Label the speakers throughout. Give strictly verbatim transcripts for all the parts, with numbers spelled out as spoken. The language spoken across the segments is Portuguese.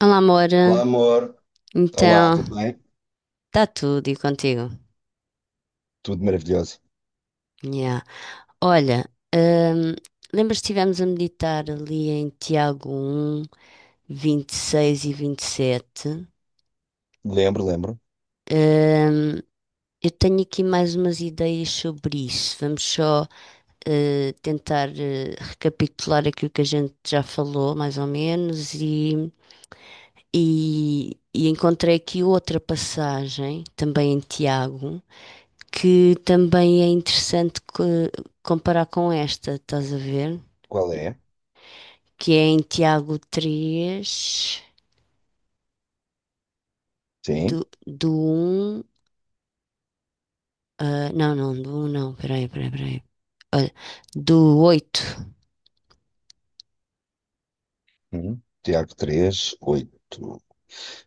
Speaker 1: Olá, amor.
Speaker 2: Olá, amor. Olá,
Speaker 1: Então,
Speaker 2: tudo bem?
Speaker 1: está tudo e contigo?
Speaker 2: Tudo maravilhoso.
Speaker 1: Yeah. Olha, hum, lembras que estivemos a meditar ali em Tiago um vinte e vinte e sete?
Speaker 2: Lembro, lembro.
Speaker 1: Hum, eu tenho aqui mais umas ideias sobre isso. Vamos só eh, tentar eh, recapitular aquilo que a gente já falou, mais ou menos, e, e, e encontrei aqui outra passagem, também em Tiago, que também é interessante co- comparar com esta, estás a ver?
Speaker 2: Qual é?
Speaker 1: Que é em Tiago três
Speaker 2: Sim.
Speaker 1: do, do um. Ah, não, não, do um não, peraí, peraí, peraí. Olha, do oito.
Speaker 2: Hum. Tiago três oito.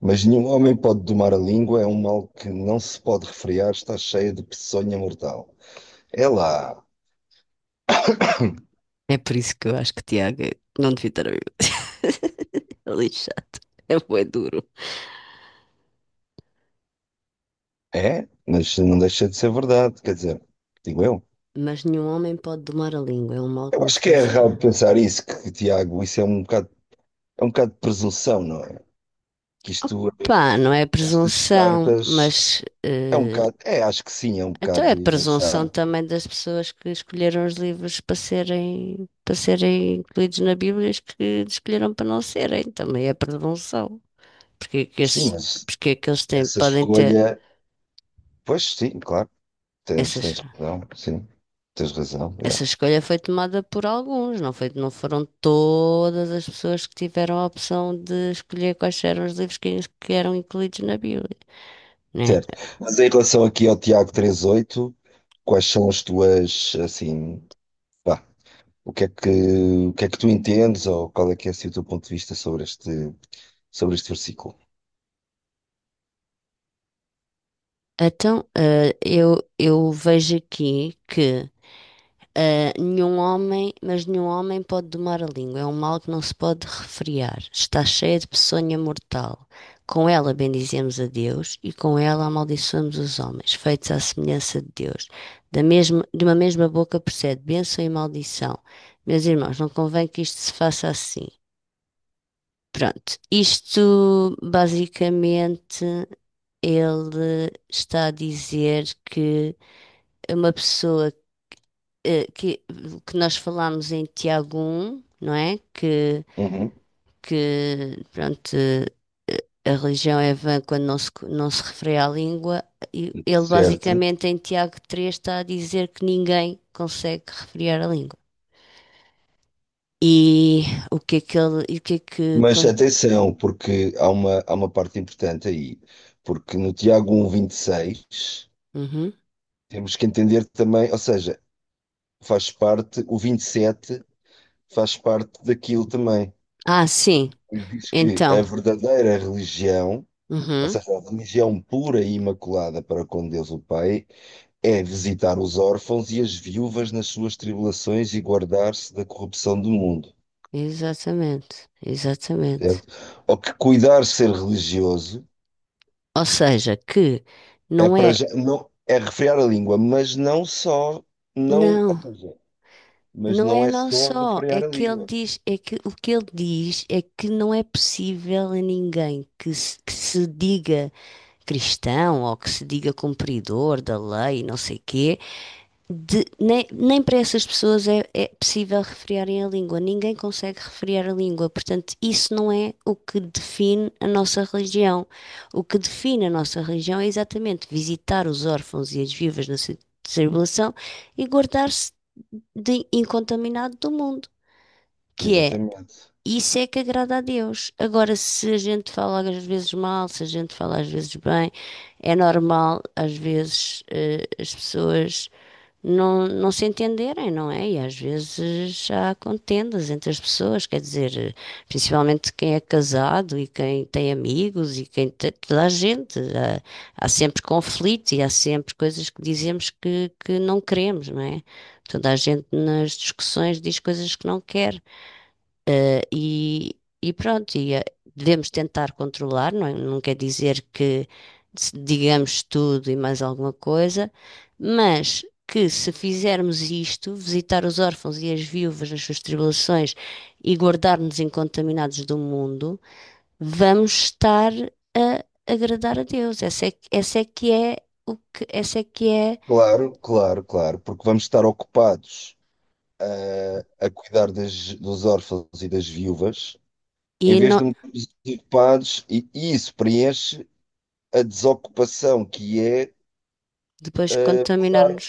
Speaker 2: Mas nenhum homem pode domar a língua, é um mal que não se pode refrear, está cheia de peçonha mortal. É lá.
Speaker 1: É por isso que eu acho que Tiago é- não devia estar a viver. É lixado. É bué duro.
Speaker 2: É? Mas não deixa de ser verdade, quer dizer, digo eu.
Speaker 1: Mas nenhum homem pode domar a língua, é um mal que
Speaker 2: Eu
Speaker 1: não se
Speaker 2: acho que é
Speaker 1: pode
Speaker 2: errado
Speaker 1: sofrer.
Speaker 2: pensar isso, que, que, Tiago, isso é um bocado, é um bocado de presunção, não é? Que isto, eh,
Speaker 1: Opa, não é
Speaker 2: estas
Speaker 1: presunção,
Speaker 2: cartas,
Speaker 1: mas
Speaker 2: é um
Speaker 1: eh,
Speaker 2: bocado, é, acho que sim, é um
Speaker 1: então é a
Speaker 2: bocado de achar.
Speaker 1: presunção também das pessoas que escolheram os livros para serem, para serem incluídos na Bíblia, os que escolheram para não serem, também é presunção. Porque é que
Speaker 2: Sim,
Speaker 1: esses,
Speaker 2: mas
Speaker 1: porque é que eles têm,
Speaker 2: essa
Speaker 1: podem ter
Speaker 2: escolha, pois sim, claro, tens,
Speaker 1: essas,
Speaker 2: tens razão, sim, tens razão, yeah.
Speaker 1: essa escolha foi tomada por alguns, não foi, não foram todas as pessoas que tiveram a opção de escolher quais eram os livros que, que eram incluídos na Bíblia, né?
Speaker 2: Certo. Mas em relação aqui ao Tiago trinta e oito, quais são as tuas, assim, pá, o que é que, o que é que tu entendes ou qual é que é assim, o teu ponto de vista sobre este, sobre este versículo?
Speaker 1: Então, eh, eu, eu vejo aqui que eh, nenhum homem, mas nenhum homem pode domar a língua. É um mal que não se pode refrear. Está cheia de peçonha mortal. Com ela bendizemos a Deus e com ela amaldiçoamos os homens, feitos à semelhança de Deus. Da mesma, de uma mesma boca procede bênção e maldição. Meus irmãos, não convém que isto se faça assim. Pronto, isto basicamente ele está a dizer que é uma pessoa eh, que, que nós falámos em Tiago um, não é? Que,
Speaker 2: Uhum.
Speaker 1: que pronto, eh, a religião é vã quando não se, não se refere à língua. E ele
Speaker 2: Certo.
Speaker 1: basicamente em Tiago três está a dizer que ninguém consegue referir à língua. E o que é que ele, e o que é que...
Speaker 2: Mas
Speaker 1: con-
Speaker 2: atenção, porque há uma, há uma parte importante aí, porque no Tiago um 1, seis
Speaker 1: Uhum.
Speaker 2: temos que entender também, ou seja, faz parte o vinte e sete, faz parte daquilo também.
Speaker 1: Ah, sim,
Speaker 2: Pois diz que
Speaker 1: então.
Speaker 2: a verdadeira religião, ou
Speaker 1: Uhum.
Speaker 2: seja, a religião pura e imaculada para com Deus o Pai, é visitar os órfãos e as viúvas nas suas tribulações e guardar-se da corrupção do mundo,
Speaker 1: Exatamente, exatamente.
Speaker 2: certo? Ou que cuidar ser religioso
Speaker 1: Ou seja, que
Speaker 2: é
Speaker 1: não
Speaker 2: para
Speaker 1: é.
Speaker 2: já, não, é refrear a língua, mas não só, não,
Speaker 1: Não.
Speaker 2: ou seja, mas
Speaker 1: Não
Speaker 2: não
Speaker 1: é
Speaker 2: é
Speaker 1: não
Speaker 2: só
Speaker 1: só, é
Speaker 2: refrear a
Speaker 1: que ele
Speaker 2: língua.
Speaker 1: diz, é que o que ele diz é que não é possível a ninguém que se, que se diga cristão ou que se diga cumpridor da lei, não sei quê, de- nem, nem para essas pessoas é, é possível refrearem a língua. Ninguém consegue refrear a língua. Portanto, isso não é o que define a nossa religião. O que define a nossa religião é exatamente visitar os órfãos e as viúvas na sua tribulação e guardar-se de incontaminado do mundo, que é
Speaker 2: Exatamente.
Speaker 1: isso é que agrada a Deus. Agora, se a gente fala às vezes mal, se a gente fala às vezes bem, é normal, às vezes eh, as pessoas não, não se entenderem, não é? E às vezes há contendas entre as pessoas, quer dizer, principalmente quem é casado e quem tem amigos e quem tem toda a gente. Há, há sempre conflito e há sempre coisas que dizemos que, que não queremos, não é? Toda a gente nas discussões diz coisas que não quer. E, e pronto, e, eh, devemos tentar controlar, não, é? Não quer dizer que se digamos tudo e mais alguma coisa, mas que se fizermos isto, visitar os órfãos e as viúvas nas suas tribulações e guardar-nos incontaminados do mundo, vamos estar a agradar a Deus. Essa é, que- essa é que é o que, essa é que é,
Speaker 2: Claro, claro, claro, porque vamos estar ocupados a cuidar das, dos órfãos e das viúvas, em
Speaker 1: e
Speaker 2: vez
Speaker 1: não,
Speaker 2: de metermos ocupados, e, isso preenche a desocupação, que é
Speaker 1: depois
Speaker 2: falar,
Speaker 1: contaminarmos.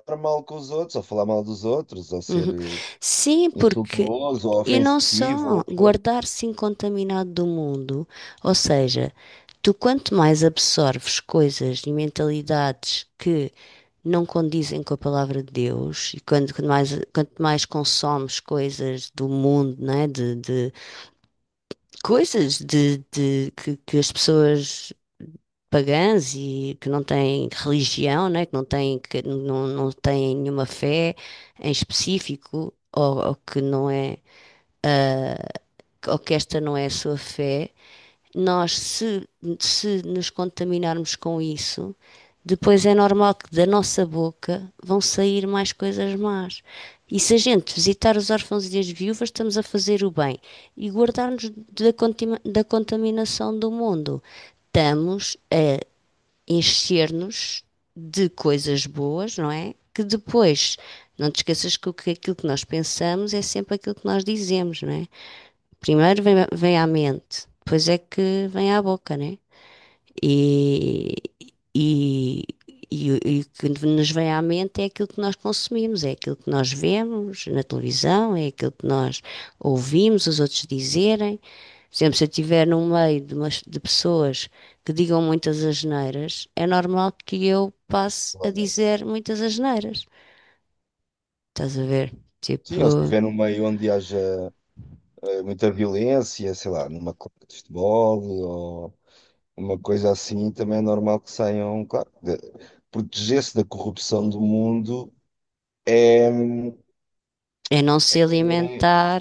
Speaker 2: falar mal com os outros, ou falar mal dos outros, ou ser
Speaker 1: Uhum.
Speaker 2: eh,
Speaker 1: Sim, porque.
Speaker 2: insultuoso, ou
Speaker 1: E não
Speaker 2: ofensivo, ou
Speaker 1: só,
Speaker 2: o que for.
Speaker 1: guardar-se incontaminado do mundo, ou seja, tu quanto mais absorves coisas e mentalidades que não condizem com a palavra de Deus, e quando, quando mais, quanto mais consomes coisas do mundo, né, de, de coisas de, de- que, que as pessoas pagãs e que não têm religião, né, que não têm, que não, não têm nenhuma fé em específico, ou, ou que não é, ou que esta não é a sua fé, nós, se, se nos contaminarmos com isso, depois é normal que da nossa boca vão sair mais coisas más. E se a gente visitar os órfãos e as viúvas, estamos a fazer o bem. E guardar-nos da, da contaminação do mundo, estamos a encher-nos de coisas boas, não é? Que depois, não te esqueças que que- aquilo que nós pensamos é sempre aquilo que nós dizemos, não é? Primeiro vem, vem à mente, depois é que vem à boca, não é? E, e, e, o e o que nos vem à mente é aquilo que nós consumimos, é aquilo que nós vemos na televisão, é aquilo que nós ouvimos os outros dizerem. Por exemplo, se eu estiver no meio de, umas- de pessoas que digam muitas asneiras, é normal que eu passe a dizer muitas asneiras. Estás a ver?
Speaker 2: Sim, ou se
Speaker 1: Tipo,
Speaker 2: estiver num meio onde haja eh, muita violência, sei lá, numa clube de futebol, ou uma coisa assim, também é normal que saiam, claro, de- proteger-se da corrupção do mundo
Speaker 1: é não se
Speaker 2: é.
Speaker 1: alimentar,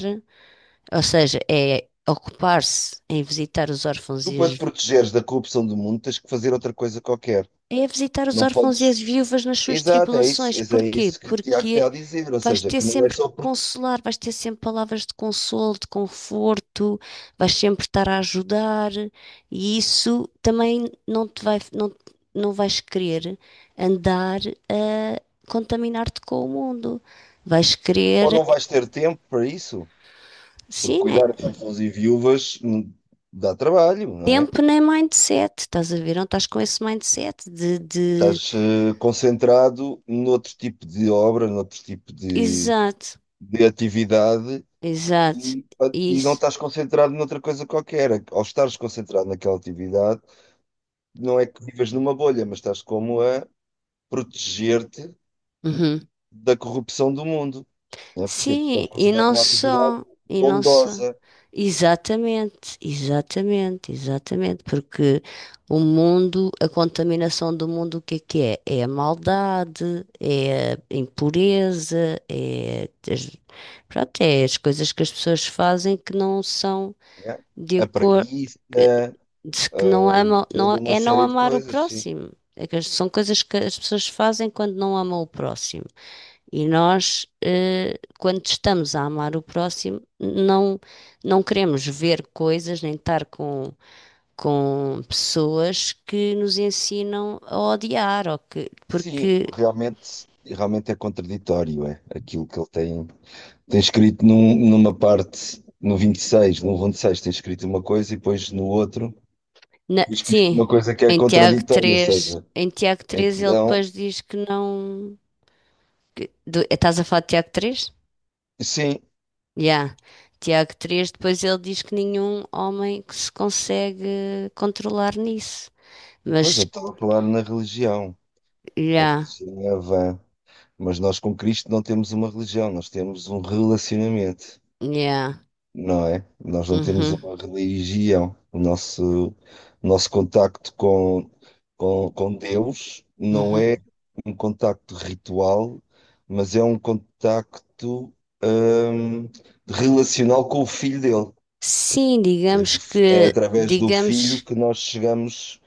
Speaker 1: ou seja, é ocupar-se em visitar os órfãos
Speaker 2: Tu,
Speaker 1: e
Speaker 2: para te
Speaker 1: as
Speaker 2: protegeres da corrupção do mundo, tens que fazer outra coisa qualquer.
Speaker 1: É a visitar os
Speaker 2: Não
Speaker 1: órfãos e as
Speaker 2: podes.
Speaker 1: viúvas nas suas
Speaker 2: Exato, é isso,
Speaker 1: tribulações.
Speaker 2: é é
Speaker 1: Porquê?
Speaker 2: isso que o Tiago está
Speaker 1: Porque
Speaker 2: a dizer. Ou
Speaker 1: vais
Speaker 2: seja,
Speaker 1: ter
Speaker 2: que não é
Speaker 1: sempre que
Speaker 2: só porque.
Speaker 1: consolar, vais ter sempre palavras de consolo, de conforto, vais sempre estar a ajudar, e isso também não te vai, não, não vais querer andar a contaminar-te com o mundo. Vais
Speaker 2: Ou
Speaker 1: querer,
Speaker 2: não vais ter tempo para isso, porque
Speaker 1: sim, né?
Speaker 2: cuidar de órfãos e viúvas hum, dá trabalho, não é?
Speaker 1: Tempo nem mindset, estás a ver? Não estás com esse mindset de, de...
Speaker 2: Estás eh, concentrado noutro tipo de obra, noutro tipo de,
Speaker 1: Exato,
Speaker 2: de atividade
Speaker 1: exato,
Speaker 2: e, e não
Speaker 1: isso.
Speaker 2: estás concentrado noutra coisa qualquer. Ao estares concentrado naquela atividade, não é que vives numa bolha, mas estás como a proteger-te
Speaker 1: Uhum.
Speaker 2: da corrupção do mundo. Né? Porquê? Porque
Speaker 1: Sim,
Speaker 2: eles
Speaker 1: e
Speaker 2: consideram
Speaker 1: não
Speaker 2: uma atividade
Speaker 1: só, e não só.
Speaker 2: bondosa,
Speaker 1: Exatamente, exatamente, exatamente, porque o mundo, a contaminação do mundo, o que é que é? É a maldade, é a impureza, é, as- pronto, é as coisas que as pessoas fazem que não são
Speaker 2: né?
Speaker 1: de
Speaker 2: A
Speaker 1: acordo,
Speaker 2: preguiça,
Speaker 1: que
Speaker 2: eh,
Speaker 1: não amam, não,
Speaker 2: toda uma
Speaker 1: é não
Speaker 2: série de
Speaker 1: amar o
Speaker 2: coisas, sim.
Speaker 1: próximo. É que as- são coisas que as pessoas fazem quando não amam o próximo. E nós, eh, quando estamos a amar o próximo, não, não queremos ver coisas nem estar com, com, pessoas que nos ensinam a odiar, ou que,
Speaker 2: Sim,
Speaker 1: porque,
Speaker 2: realmente, realmente é contraditório, é aquilo que ele tem, tem escrito num- numa parte, no vinte e seis, no vinte e seis tem escrito uma coisa e depois no outro
Speaker 1: na-
Speaker 2: tem escrito uma
Speaker 1: sim,
Speaker 2: coisa que é
Speaker 1: em Tiago
Speaker 2: contraditória, ou
Speaker 1: três
Speaker 2: seja,
Speaker 1: em Tiago três ele
Speaker 2: então,
Speaker 1: depois diz que não. que- do- estás a falar de Tiago três.
Speaker 2: sim,
Speaker 1: Já. Tiago três depois ele diz que nenhum homem que se consegue controlar nisso.
Speaker 2: depois eu
Speaker 1: Mas,
Speaker 2: estava a falar na religião, a
Speaker 1: já,
Speaker 2: religião é vã, mas nós com Cristo não temos uma religião, nós temos um relacionamento,
Speaker 1: já.
Speaker 2: não é? Nós não temos
Speaker 1: Uhum.
Speaker 2: uma religião. O nosso, o nosso contacto com, com, com Deus não é
Speaker 1: Uhum.
Speaker 2: um contacto ritual, mas é um contacto, hum, relacional com o filho dele. Ou
Speaker 1: Sim, digamos
Speaker 2: seja, é
Speaker 1: que,
Speaker 2: através do filho
Speaker 1: digamos,
Speaker 2: que nós chegamos,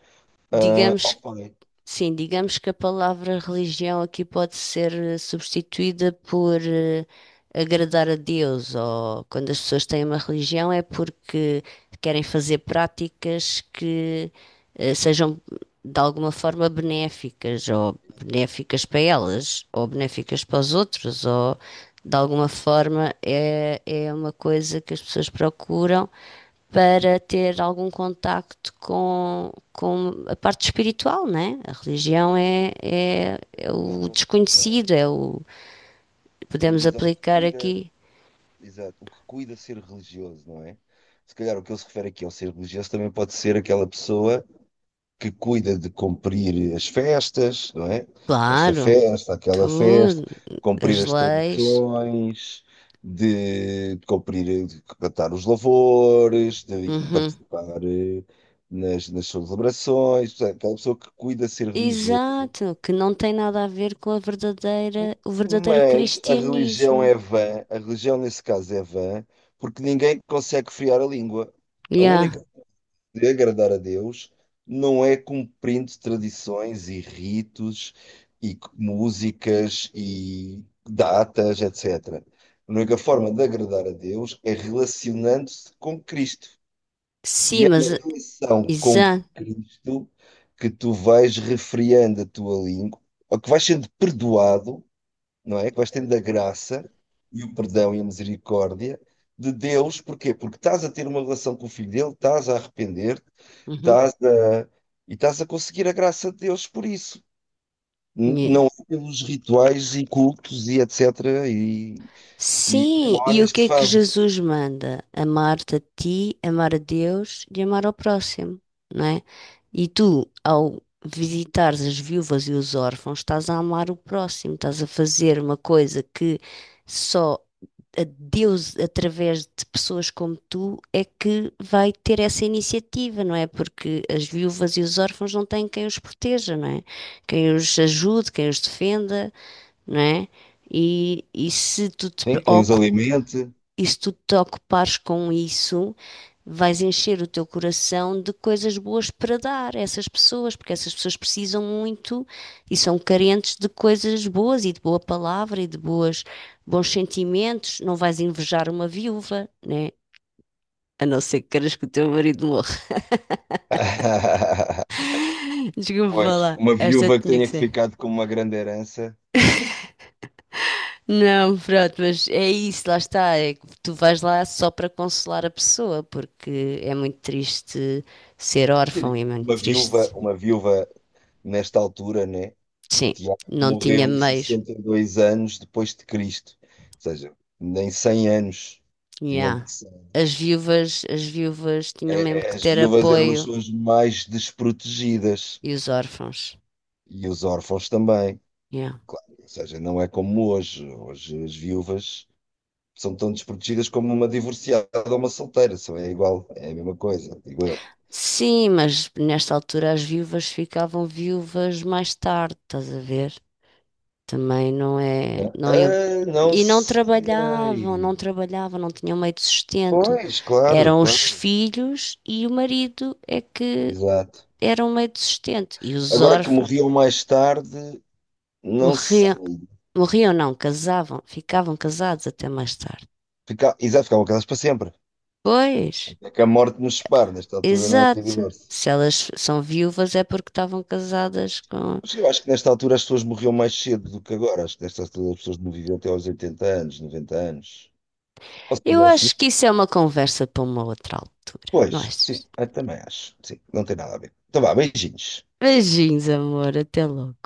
Speaker 2: ah, ao
Speaker 1: digamos,
Speaker 2: Pai.
Speaker 1: sim, digamos que a palavra religião aqui pode ser eh, substituída por eh, agradar a Deus, ou quando as pessoas têm uma religião é porque querem fazer práticas que eh, sejam de alguma forma benéficas, ou benéficas para elas, ou benéficas para os outros, ou de alguma forma é, é uma coisa que as pessoas procuram para ter algum contacto com, com a parte espiritual, né? A religião
Speaker 2: Eu,
Speaker 1: é, é,
Speaker 2: a
Speaker 1: é
Speaker 2: nível
Speaker 1: o
Speaker 2: da religião,
Speaker 1: desconhecido, é o
Speaker 2: ele
Speaker 1: podemos
Speaker 2: diz ao que
Speaker 1: aplicar
Speaker 2: cuida.
Speaker 1: aqui,
Speaker 2: Exato, o que cuida ser religioso, não é? Se calhar o que ele se refere aqui ao ser religioso também pode ser aquela pessoa que cuida de cumprir as festas, não é? Esta
Speaker 1: claro,
Speaker 2: festa, aquela festa,
Speaker 1: tudo,
Speaker 2: cumprir
Speaker 1: as
Speaker 2: as
Speaker 1: leis,
Speaker 2: tradições, de cumprir, de cantar os louvores, de
Speaker 1: uhum.
Speaker 2: participar eh, nas, nas celebrações. Portanto, aquela pessoa que cuida ser religioso,
Speaker 1: Exato, que não tem nada a ver com a verdadeira, o verdadeiro
Speaker 2: mas a religião
Speaker 1: cristianismo.
Speaker 2: é vã, a religião nesse caso é vã, porque ninguém consegue friar a língua. A
Speaker 1: Yeah.
Speaker 2: única de agradar a Deus não é cumprindo tradições e ritos e c- músicas e datas, etcetera. A única forma de agradar a Deus é relacionando-se com Cristo.
Speaker 1: Sim,
Speaker 2: E é
Speaker 1: mas
Speaker 2: na relação com
Speaker 1: exato.
Speaker 2: Cristo que tu vais refriando a tua língua, ou que vais sendo perdoado, não é? Que vais tendo a graça e o perdão e a misericórdia de Deus, porquê? Porque estás a ter uma relação com o filho dele, estás a arrepender-te,
Speaker 1: Uhum.
Speaker 2: estás a... e estás a conseguir a graça de Deus por isso. N-
Speaker 1: Yeah.
Speaker 2: Não é pelos rituais e cultos e etcetera e, e
Speaker 1: Sim, e o
Speaker 2: cerimónias que
Speaker 1: que
Speaker 2: se
Speaker 1: é que
Speaker 2: fazem.
Speaker 1: Jesus manda? Amar-te a ti, amar a Deus e amar ao próximo, não é? E tu, ao visitares as viúvas e os órfãos, estás a amar o próximo, estás a fazer uma coisa que só a Deus, através de pessoas como tu, é que vai ter essa iniciativa, não é? Porque as viúvas e os órfãos não têm quem os proteja, não é? Quem os ajude, quem os defenda, não é? E, e se tu te
Speaker 2: Sim,
Speaker 1: pre-
Speaker 2: quem os alimente.
Speaker 1: e se tu te ocupares com isso, vais encher o teu coração de coisas boas para dar a essas pessoas, porque essas pessoas precisam muito e são carentes de coisas boas e de boa palavra e de boas, bons sentimentos. Não vais invejar uma viúva, né? A não ser que queiras que o teu marido morra. Desculpa
Speaker 2: Pois,
Speaker 1: falar.
Speaker 2: uma
Speaker 1: Esta
Speaker 2: viúva que
Speaker 1: tinha que
Speaker 2: tenha
Speaker 1: ser.
Speaker 2: ficado com uma grande herança.
Speaker 1: Não, pronto, mas é isso, lá está. É que tu vais lá só para consolar a pessoa, porque é muito triste ser órfão, é
Speaker 2: Sim.
Speaker 1: muito
Speaker 2: Uma viúva,
Speaker 1: triste.
Speaker 2: uma viúva nesta altura, né?
Speaker 1: Sim,
Speaker 2: Tiago
Speaker 1: não tinha
Speaker 2: morreu
Speaker 1: meios.
Speaker 2: sessenta e dois anos depois de Cristo, ou seja, nem cem anos tinham
Speaker 1: Yeah.
Speaker 2: passado.
Speaker 1: As viúvas, as viúvas tinham mesmo
Speaker 2: É, é,
Speaker 1: que
Speaker 2: as
Speaker 1: ter
Speaker 2: viúvas eram as
Speaker 1: apoio
Speaker 2: pessoas mais desprotegidas
Speaker 1: e os órfãos.
Speaker 2: e os órfãos também,
Speaker 1: Yeah.
Speaker 2: claro, ou seja, não é como hoje. Hoje as viúvas são tão desprotegidas como uma divorciada ou uma solteira, só é igual, é a mesma coisa, digo eu.
Speaker 1: Sim, mas nesta altura as viúvas ficavam viúvas mais tarde, estás a ver? Também não é,
Speaker 2: Né?
Speaker 1: não iam-
Speaker 2: Ah, não
Speaker 1: e não trabalhavam,
Speaker 2: sei.
Speaker 1: não trabalhavam, não tinham meio de sustento.
Speaker 2: Pois, claro,
Speaker 1: Eram os
Speaker 2: claro,
Speaker 1: filhos e o marido é que
Speaker 2: exato.
Speaker 1: eram meio de sustento e os
Speaker 2: Agora que
Speaker 1: órfãos
Speaker 2: morriam mais tarde, não sei.
Speaker 1: morriam. Morriam, não, casavam, ficavam casados até mais tarde.
Speaker 2: Fica, exato, ficavam casados para sempre.
Speaker 1: Pois,
Speaker 2: Até que a morte nos separe. Nesta altura não havia
Speaker 1: exato.
Speaker 2: divórcio.
Speaker 1: Se elas são viúvas é porque estavam casadas com.
Speaker 2: Mas eu acho que nesta altura as pessoas morriam mais cedo do que agora. Acho que nesta altura as pessoas não viviam até aos oitenta anos, noventa anos. Ou se
Speaker 1: Eu
Speaker 2: calhar sim.
Speaker 1: acho que isso é uma conversa para uma outra altura, não
Speaker 2: Pois, sim,
Speaker 1: achas?
Speaker 2: eu também acho. Sim, não tem nada a ver. Então vá, beijinhos.
Speaker 1: Beijinhos, amor, até logo.